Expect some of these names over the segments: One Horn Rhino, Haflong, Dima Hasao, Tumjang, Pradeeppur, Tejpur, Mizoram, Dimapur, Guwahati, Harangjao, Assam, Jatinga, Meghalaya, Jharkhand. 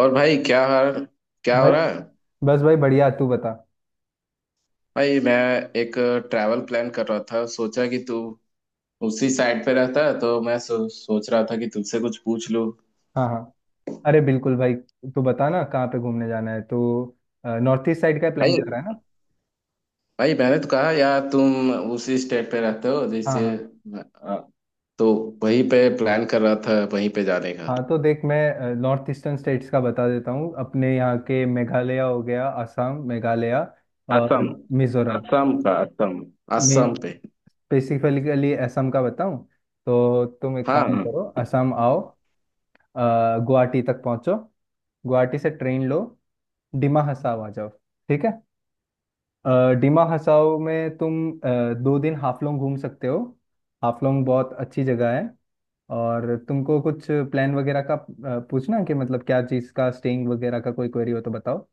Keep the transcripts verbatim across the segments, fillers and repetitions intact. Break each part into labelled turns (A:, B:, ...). A: और भाई क्या हाल? क्या हो
B: भाई।
A: रहा है?
B: बस भाई बढ़िया, तू बता।
A: भाई मैं एक ट्रैवल प्लान कर रहा था, सोचा कि तू उसी साइड पे रहता है तो मैं सो, सोच रहा था कि तुझसे कुछ पूछ लूं।
B: हाँ हाँ, अरे बिल्कुल भाई। तू बता ना, कहाँ पे घूमने जाना है? तो नॉर्थ ईस्ट साइड का प्लान
A: भाई,
B: कर रहा है ना?
A: भाई मैंने तो कहा यार तुम उसी स्टेट पे रहते हो
B: हाँ
A: जैसे,
B: हाँ।
A: आ, तो वहीं पे प्लान कर रहा था, वहीं पे जाने का।
B: हाँ तो देख, मैं नॉर्थ ईस्टर्न स्टेट्स का बता देता हूँ। अपने यहाँ के मेघालय हो गया, असम, मेघालय और
A: असम।
B: मिजोरम।
A: असम का असम।
B: मैं
A: असम पे।
B: स्पेसिफिकली असम का बताऊँ तो तुम एक काम
A: हाँ।
B: करो, असम आओ। अ, गुवाहाटी तक पहुँचो। गुवाहाटी से ट्रेन लो, डिमा हसाव आ जाओ। ठीक है। अ, डिमा हसाओ में तुम अ, दो दिन हाफलोंग घूम सकते हो। हाफलोंग बहुत अच्छी जगह है। और तुमको कुछ प्लान वगैरह का अ, पूछना है कि मतलब क्या चीज़ का स्टेइंग वगैरह का कोई क्वेरी हो तो बताओ।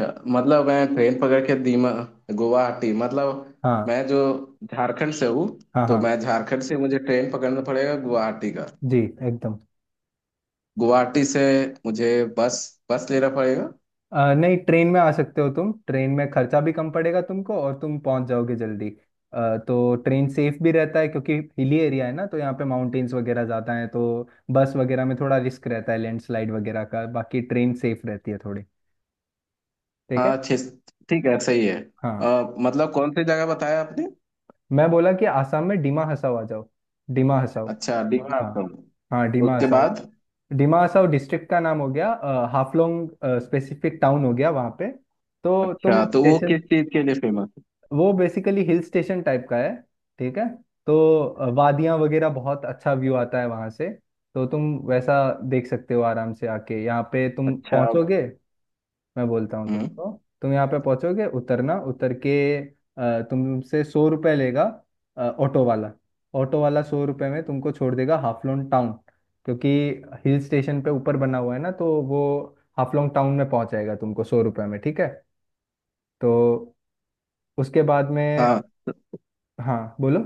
A: मतलब मैं ट्रेन पकड़ के दीमा, गुवाहाटी मतलब
B: हाँ
A: मैं जो झारखंड से हूँ,
B: हाँ
A: तो
B: हाँ
A: मैं झारखंड से मुझे ट्रेन पकड़ना पड़ेगा गुवाहाटी का।
B: जी, एकदम।
A: गुवाहाटी से मुझे बस बस लेना पड़ेगा।
B: अ, नहीं, ट्रेन में आ सकते हो तुम। ट्रेन में खर्चा भी कम पड़ेगा तुमको और तुम पहुंच जाओगे जल्दी। अ, तो ट्रेन सेफ भी रहता है क्योंकि हिली एरिया है ना, तो यहाँ पे माउंटेन्स वगैरह ज़्यादा हैं, तो बस वगैरह में थोड़ा रिस्क रहता है लैंडस्लाइड वगैरह का। बाकी ट्रेन सेफ रहती है थोड़ी। ठीक है।
A: हाँ छः, ठीक है, सही है।
B: हाँ
A: अ, मतलब कौन सी जगह बताया आपने?
B: मैं बोला कि आसाम में डिमा हसाओ आ जाओ, डिमा हसाओ।
A: अच्छा, दीमा
B: हाँ
A: आपका।
B: हाँ, डिमा
A: उसके
B: हसाओ।
A: बाद?
B: डिमा हसाओ डिस्ट्रिक्ट का नाम हो गया, अ, हाफलोंग स्पेसिफिक टाउन हो गया वहाँ पे। तो तुम
A: अच्छा,
B: जी
A: तो वो
B: स्टेशन।
A: किस चीज के लिए फेमस है?
B: वो बेसिकली हिल स्टेशन टाइप का है। ठीक है। तो वादियां वगैरह, बहुत अच्छा व्यू आता है वहां से। तो तुम वैसा देख सकते हो आराम से। आके यहाँ पे तुम
A: अच्छा।
B: पहुंचोगे। मैं बोलता हूँ
A: हम्म।
B: तुमको, तुम यहाँ पे पहुंचोगे, उतरना। उतर के अ, तुमसे सौ रुपये लेगा अ, ऑटो वाला। ऑटो वाला सौ रुपये में तुमको छोड़ देगा हाफलोंग टाउन, क्योंकि हिल स्टेशन पे ऊपर बना हुआ है ना, तो वो हाफलोंग टाउन में पहुंचाएगा तुमको सौ रुपये में। ठीक है। तो उसके बाद में
A: हाँ,
B: हाँ बोलो,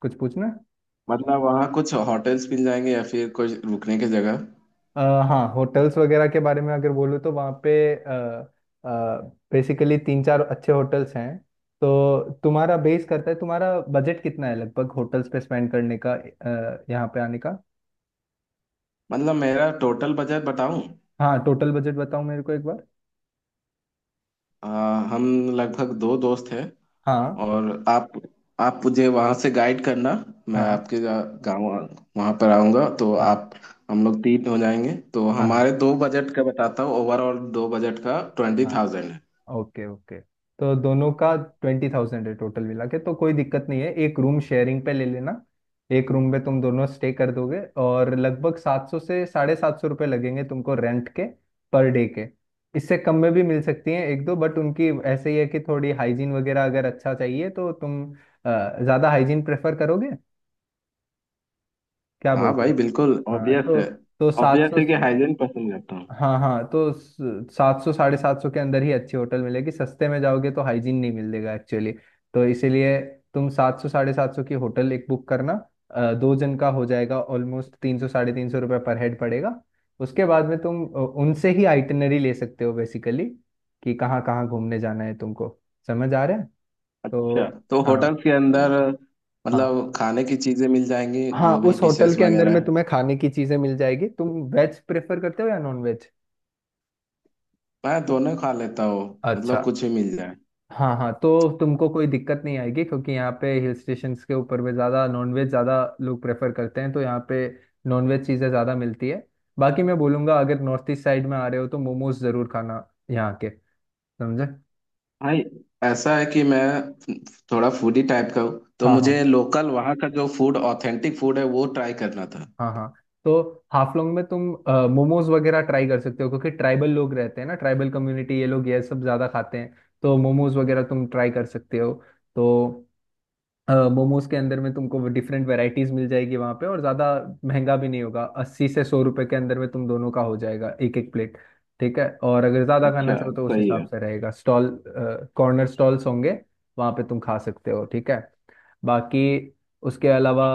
B: कुछ पूछना है?
A: मतलब वहाँ कुछ होटल्स मिल जाएंगे या फिर कुछ रुकने की जगह?
B: अ, हाँ, होटल्स वगैरह के बारे में अगर बोलूँ तो वहाँ पे बेसिकली तीन चार अच्छे होटल्स हैं। तो तुम्हारा बेस करता है तुम्हारा बजट कितना है लगभग होटल्स पे स्पेंड करने का, अ, यहाँ पे आने का।
A: मतलब मेरा टोटल बजट बताऊं?
B: हाँ टोटल बजट बताओ मेरे को एक बार।
A: अ, हम लगभग दो दोस्त हैं।
B: हाँ
A: और आप आप मुझे वहाँ से गाइड करना। मैं
B: हाँ
A: आपके गांव, वहाँ पर आऊँगा तो
B: हाँ
A: आप। हम लोग तीन हो जाएंगे, तो
B: हाँ हाँ
A: हमारे दो बजट का बताता हूँ, ओवरऑल दो बजट का ट्वेंटी
B: हाँ।
A: थाउजेंड है।
B: Okay okay. तो दोनों का ट्वेंटी थाउजेंड है टोटल मिला के, तो कोई दिक्कत नहीं है। एक रूम शेयरिंग पे ले लेना। एक रूम में तुम दोनों स्टे कर दोगे और लगभग सात सौ से साढ़े सात सौ रुपये लगेंगे तुमको रेंट के, पर डे के। इससे कम में भी मिल सकती हैं एक दो, बट उनकी ऐसे ही है कि थोड़ी हाइजीन वगैरह अगर अच्छा चाहिए तो तुम अ, ज़्यादा हाइजीन प्रेफर करोगे, क्या
A: हाँ
B: बोलते हो?
A: भाई, बिल्कुल
B: हाँ
A: ऑब्वियस
B: तो
A: है।
B: तो सात
A: ऑब्वियस
B: सौ
A: है कि हाइजीन पसंद करता हूँ।
B: हाँ हाँ, तो सात सौ साढ़े सात सौ के अंदर ही अच्छी होटल मिलेगी। सस्ते में जाओगे तो हाइजीन नहीं मिलेगा एक्चुअली। तो इसीलिए तुम सात सौ साढ़े सात सौ की होटल एक बुक करना। अ, दो जन का हो जाएगा ऑलमोस्ट, तीन सौ साढ़े तीन सौ रुपये पर हेड पड़ेगा। उसके बाद में तुम अ, उनसे ही आइटनरी ले सकते हो बेसिकली, कि कहाँ कहाँ घूमने जाना है तुमको। समझ आ रहा है?
A: अच्छा,
B: तो
A: तो
B: हाँ।
A: होटल के अंदर
B: हाँ,
A: मतलब खाने की चीज़ें मिल जाएंगी,
B: हाँ
A: जो भी
B: उस होटल
A: डिशेस
B: के अंदर
A: वगैरह
B: में
A: है।
B: तुम्हें खाने की चीज़ें मिल जाएगी। तुम वेज प्रेफर करते हो या नॉन वेज?
A: मैं दोनों खा लेता हूँ।
B: अच्छा।
A: मतलब कुछ भी मिल जाए।
B: हाँ हाँ, तो तुमको कोई दिक्कत नहीं आएगी, क्योंकि यहाँ पे हिल स्टेशंस के ऊपर भी ज़्यादा नॉनवेज, ज़्यादा लोग प्रेफर करते हैं, तो यहाँ पे नॉनवेज चीज़ें ज़्यादा मिलती है। बाकी मैं बोलूँगा अगर नॉर्थ ईस्ट साइड में आ रहे हो तो मोमोज ज़रूर खाना यहाँ के। समझे?
A: भाई ऐसा है कि मैं थोड़ा फूडी टाइप का हूँ, तो
B: हाँ हाँ
A: मुझे लोकल वहाँ का जो फूड, ऑथेंटिक फूड है वो ट्राई करना था।
B: हाँ हाँ। तो हाफलोंग में तुम मोमोज वगैरह ट्राई कर सकते हो, क्योंकि ट्राइबल लोग रहते हैं ना, ट्राइबल कम्युनिटी। ये लोग ये सब ज़्यादा खाते हैं, तो मोमोज वगैरह तुम ट्राई कर सकते हो। तो मोमोज के अंदर में तुमको डिफरेंट वेराइटीज मिल जाएगी वहां पे, और ज्यादा महंगा भी नहीं होगा। अस्सी से सौ रुपए के अंदर में तुम दोनों का हो जाएगा एक एक प्लेट। ठीक है, और अगर ज्यादा खाना
A: अच्छा,
B: चाहो तो उस
A: सही
B: हिसाब
A: है।
B: से रहेगा। स्टॉल कॉर्नर स्टॉल्स होंगे वहां पे, तुम खा सकते हो। ठीक है। बाकी उसके अलावा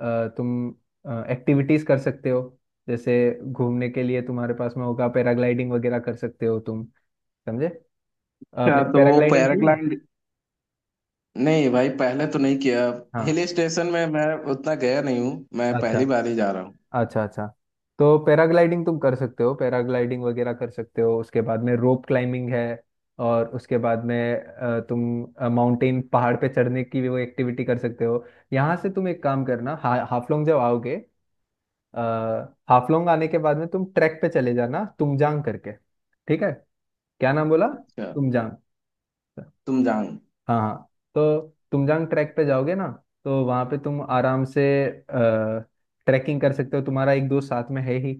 B: अ, तुम एक्टिविटीज कर सकते हो, जैसे घूमने के लिए तुम्हारे पास में होगा पैराग्लाइडिंग वगैरह, कर सकते हो तुम। समझे?
A: अच्छा,
B: आपने
A: तो वो
B: पैराग्लाइडिंग की?
A: पैराग्लाइड? नहीं भाई, पहले तो नहीं किया।
B: हाँ
A: हिल स्टेशन में मैं उतना गया नहीं हूँ, मैं
B: अच्छा,
A: पहली बार ही जा रहा हूँ।
B: अच्छा अच्छा। तो पैराग्लाइडिंग तुम कर सकते हो, पैराग्लाइडिंग वगैरह कर सकते हो। उसके बाद में रोप क्लाइंबिंग है, और उसके बाद में अ, तुम माउंटेन, पहाड़ पे चढ़ने की भी वो एक्टिविटी कर सकते हो। यहाँ से तुम एक काम करना, हा, हाफलोंग जब आओगे, अ, हाफलोंग आने के बाद में तुम ट्रैक पे चले जाना तुमजांग करके। ठीक है? क्या नाम बोला?
A: अच्छा।
B: तुमजांग।
A: तुम जाओ।
B: हाँ हाँ, तो तुमजांग ट्रैक पे जाओगे ना, तो वहाँ पे तुम आराम से ट्रैकिंग कर सकते हो। तुम्हारा एक दोस्त साथ में है ही।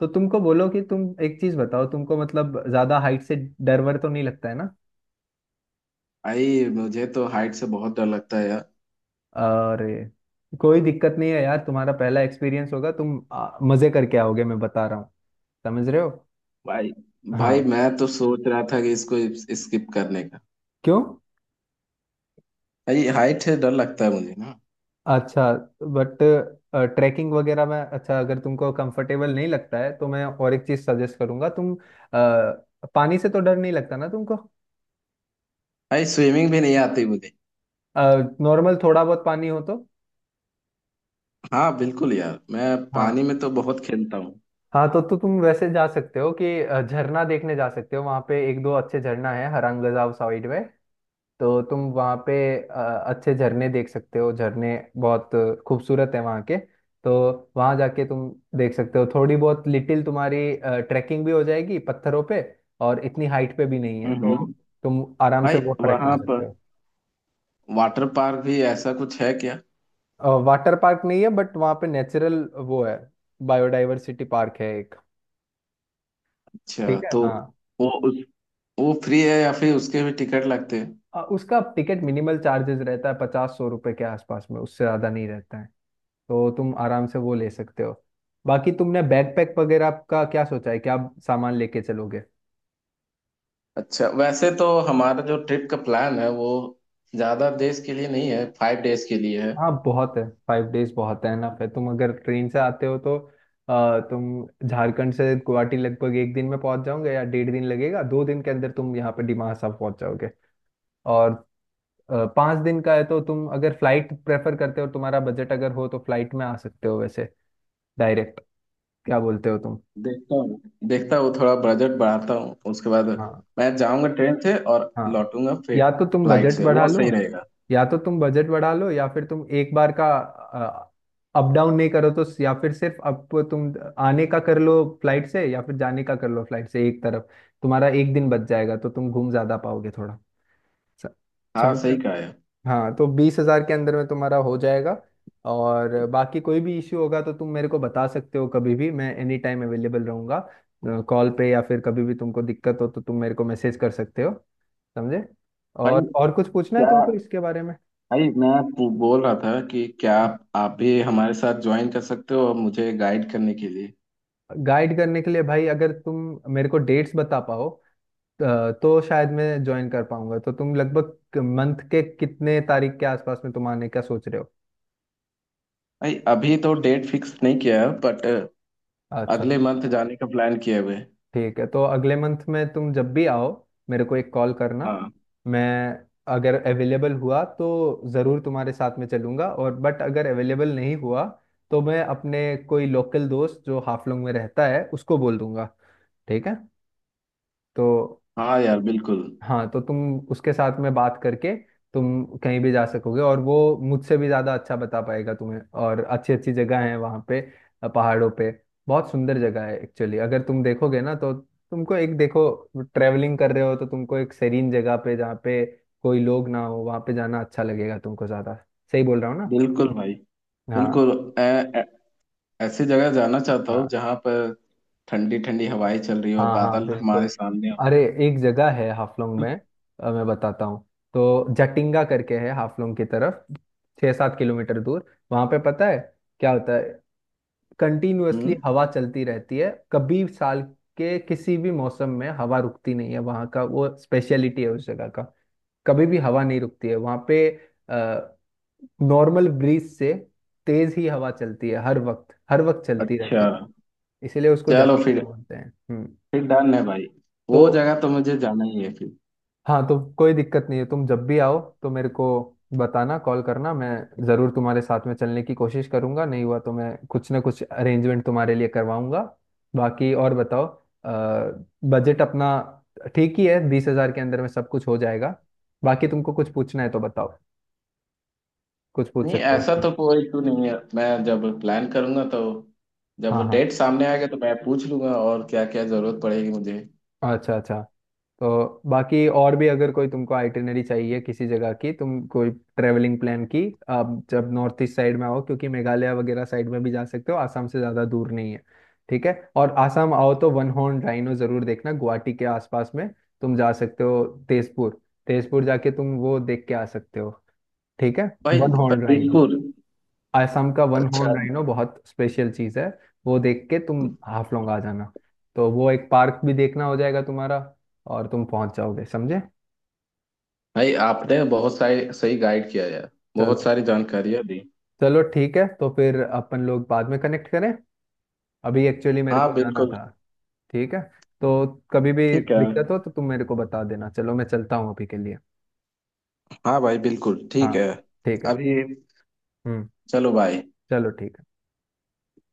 B: तो तुमको बोलो कि तुम एक चीज बताओ, तुमको मतलब ज्यादा हाइट से डर वर तो नहीं लगता है ना?
A: भाई मुझे तो हाइट से बहुत डर लगता है यार।
B: और कोई दिक्कत नहीं है यार, तुम्हारा पहला एक्सपीरियंस होगा। तुम आ, मजे करके आओगे, मैं बता रहा हूँ। समझ रहे हो?
A: भाई, भाई
B: हाँ।
A: मैं तो सोच रहा था कि इसको स्किप करने का।
B: क्यों?
A: भाई हाइट से डर लगता है मुझे ना।
B: अच्छा। बट ट्रैकिंग वगैरह में अच्छा, अगर तुमको कंफर्टेबल नहीं लगता है तो मैं और एक चीज सजेस्ट करूंगा। तुम अ, पानी से तो डर नहीं लगता ना तुमको?
A: भाई स्विमिंग भी नहीं आती मुझे।
B: नॉर्मल थोड़ा बहुत पानी हो तो।
A: हाँ बिल्कुल यार, मैं पानी
B: हाँ
A: में तो बहुत खेलता हूँ।
B: हाँ, तो तो तुम वैसे जा सकते हो कि अ, झरना देखने जा सकते हो। वहाँ पे एक दो अच्छे झरना है हरंगजाव साइड में। तो तुम वहाँ पे अ, अच्छे झरने देख सकते हो। झरने बहुत खूबसूरत है वहाँ के। तो वहाँ जाके तुम देख सकते हो। थोड़ी बहुत लिटिल तुम्हारी ट्रैकिंग भी हो जाएगी पत्थरों पे, और इतनी हाइट पे भी नहीं है, तो
A: हम्म।
B: तुम आराम से
A: भाई
B: वो ट्रैक कर
A: वहां पर
B: सकते
A: वाटर पार्क भी ऐसा कुछ है क्या?
B: हो। वाटर पार्क नहीं है, बट वहाँ पे नेचुरल वो है, बायोडाइवर्सिटी पार्क है एक।
A: अच्छा,
B: ठीक है
A: तो
B: हाँ।
A: वो, उस, वो फ्री है या फिर उसके भी टिकट लगते हैं?
B: अ, उसका टिकट मिनिमल चार्जेस रहता है, पचास सौ रुपए के आसपास में, उससे ज़्यादा नहीं रहता है। तो तुम आराम से वो ले सकते हो। बाकी तुमने बैकपैक वगैरह का क्या सोचा है क्या, सामान लेके चलोगे?
A: अच्छा, वैसे तो हमारा जो ट्रिप का प्लान है वो ज्यादा देश के लिए नहीं है, फाइव डेज के लिए है।
B: हाँ बहुत है, फाइव डेज बहुत है ना। फिर तुम अगर ट्रेन से आते हो तो अ, तुम झारखंड से गुवाहाटी लगभग एक दिन में पहुंच जाओगे, या डेढ़ दिन लगेगा। दो दिन के अंदर तुम यहाँ पे डिमासा साहब पहुंच जाओगे। और अ, पाँच दिन का है, तो तुम अगर फ्लाइट प्रेफर करते हो, तुम्हारा बजट अगर हो तो फ्लाइट में आ सकते हो वैसे, डायरेक्ट। क्या बोलते हो तुम?
A: देखता हूँ, देखता हूँ, थोड़ा बजट बढ़ाता हूँ, उसके बाद
B: हाँ।
A: मैं जाऊंगा ट्रेन से और
B: हाँ
A: लौटूंगा
B: या तो तुम
A: फ्लाइट
B: बजट
A: से,
B: बढ़ा
A: वो
B: लो,
A: सही रहेगा।
B: या तो तुम बजट बढ़ा लो या फिर तुम एक बार का अप डाउन नहीं करो तो, या फिर सिर्फ अप तुम आने का कर लो फ्लाइट से, या फिर जाने का कर लो फ्लाइट से एक तरफ। तुम्हारा एक दिन बच जाएगा, तो तुम घूम ज्यादा पाओगे थोड़ा। स-
A: हाँ,
B: समझ रहे
A: सही कहा है।
B: हो? हाँ, तो बीस हजार के अंदर में तुम्हारा हो जाएगा। और बाकी कोई भी इश्यू होगा तो तुम मेरे को बता सकते हो कभी भी, मैं एनी टाइम अवेलेबल रहूंगा कॉल पे, या फिर कभी भी तुमको दिक्कत हो तो तुम मेरे को मैसेज कर सकते हो। समझे?
A: भाई,
B: और और कुछ पूछना है
A: क्या?
B: तुमको इसके बारे में?
A: भाई मैं पू- बोल रहा था कि क्या आप, आप भी हमारे साथ ज्वाइन कर सकते हो मुझे गाइड करने के लिए?
B: गाइड करने के लिए भाई, अगर तुम मेरे को डेट्स बता पाओ अ, तो शायद मैं ज्वाइन कर पाऊंगा। तो तुम लगभग मंथ के कितने तारीख के आसपास में तुम आने का सोच रहे हो?
A: भाई अभी तो डेट फिक्स नहीं किया है, बट
B: अच्छा।
A: अगले मंथ जाने का प्लान किए हुए हैं।
B: ठीक है, तो अगले मंथ में तुम जब भी आओ, मेरे को एक कॉल करना।
A: हाँ।
B: मैं अगर अवेलेबल हुआ तो ज़रूर तुम्हारे साथ में चलूंगा, और बट अगर अवेलेबल नहीं हुआ तो मैं अपने कोई लोकल दोस्त जो हाफलोंग में रहता है, उसको बोल दूंगा। ठीक है? तो
A: हाँ यार, बिल्कुल।
B: हाँ, तो तुम उसके साथ में बात करके तुम कहीं भी जा सकोगे, और वो मुझसे भी ज़्यादा अच्छा बता पाएगा तुम्हें, और अच्छी अच्छी जगह है वहाँ पे, अ, पहाड़ों पे बहुत सुंदर जगह है एक्चुअली। अगर तुम देखोगे ना तो तुमको, एक देखो, ट्रैवलिंग कर रहे हो तो तुमको एक सेरीन जगह पे जहाँ पे कोई लोग ना हो, वहाँ पे जाना अच्छा लगेगा तुमको ज़्यादा। सही बोल रहा हूँ ना?
A: बिल्कुल भाई,
B: हाँ
A: बिल्कुल। ऐ- ऐ- ऐसी जगह जाना चाहता हूँ
B: हाँ
A: जहाँ पर ठंडी ठंडी हवाएं चल रही हो,
B: हाँ हाँ,
A: बादल हमारे
B: बिल्कुल।
A: सामने हो।
B: अरे एक जगह है हाफलोंग में, अ, मैं बताता हूँ। तो जटिंगा करके है हाफलोंग की तरफ, छः सात किलोमीटर दूर। वहाँ पे पता है क्या होता है?
A: हम्म।
B: कंटिन्यूअसली हवा चलती रहती है। कभी साल के किसी भी मौसम में हवा रुकती नहीं है वहाँ का, वो स्पेशलिटी है उस जगह का। कभी भी हवा नहीं रुकती है वहाँ पे। अ, नॉर्मल ब्रीज से तेज ही हवा चलती है हर वक्त, हर वक्त चलती
A: अच्छा।
B: रहती है। इसीलिए उसको
A: चलो
B: जाकिंगा
A: फिर
B: बोलते हैं। हम्म।
A: फिर डन है भाई।
B: तो
A: वो जगह तो मुझे जाना ही है फिर।
B: हाँ, तो कोई दिक्कत नहीं है, तुम जब भी आओ तो मेरे को बताना, कॉल करना। मैं ज़रूर तुम्हारे साथ में चलने की कोशिश करूंगा, नहीं हुआ तो मैं कुछ ना कुछ अरेंजमेंट तुम्हारे लिए करवाऊंगा। बाकी और बताओ, बजट अपना ठीक ही है। बीस हजार के अंदर में सब कुछ हो जाएगा। बाकी तुमको कुछ पूछना है तो बताओ, कुछ पूछ
A: नहीं,
B: सकते हो।
A: ऐसा तो कोई इशू नहीं है, मैं जब प्लान करूंगा, तो
B: हाँ
A: जब
B: हाँ,
A: डेट सामने आएगा तो मैं पूछ लूंगा और क्या क्या जरूरत पड़ेगी मुझे।
B: अच्छा अच्छा। तो बाकी और भी अगर कोई तुमको आइटिनरी चाहिए किसी जगह की, तुम कोई ट्रेवलिंग प्लान की, आप जब नॉर्थ ईस्ट साइड में आओ, क्योंकि मेघालय वगैरह साइड में भी जा सकते हो, आसाम से ज़्यादा दूर नहीं है। ठीक है, और आसाम आओ तो वन हॉर्न राइनो ज़रूर देखना। गुवाहाटी के आसपास में तुम जा सकते हो, तेजपुर। तेजपुर जाके तुम वो देख के आ सकते हो। ठीक है।
A: भाई
B: one horn rhino,
A: Pradippur.
B: Assam का वन हॉर्न
A: अच्छा।
B: राइनो बहुत स्पेशल चीज है। वो देख के तुम हाफलोंग आ जाना। तो वो एक पार्क भी देखना हो जाएगा तुम्हारा, और तुम पहुंच जाओगे। समझे?
A: भाई आपने बहुत सारी सही गाइड किया यार। बहुत
B: चलो।
A: सारी जानकारियां दी।
B: चलो ठीक है, तो फिर अपन लोग बाद में कनेक्ट करें, अभी एक्चुअली मेरे
A: हाँ
B: को जाना
A: बिल्कुल
B: था। ठीक है। तो कभी भी
A: ठीक है।
B: दिक्कत हो तो तुम मेरे को बता देना, चलो मैं चलता हूँ अभी के लिए।
A: हाँ भाई बिल्कुल
B: हाँ
A: ठीक है।
B: ठीक है।
A: अभी।
B: हम्म।
A: चलो भाई।
B: चलो ठीक है।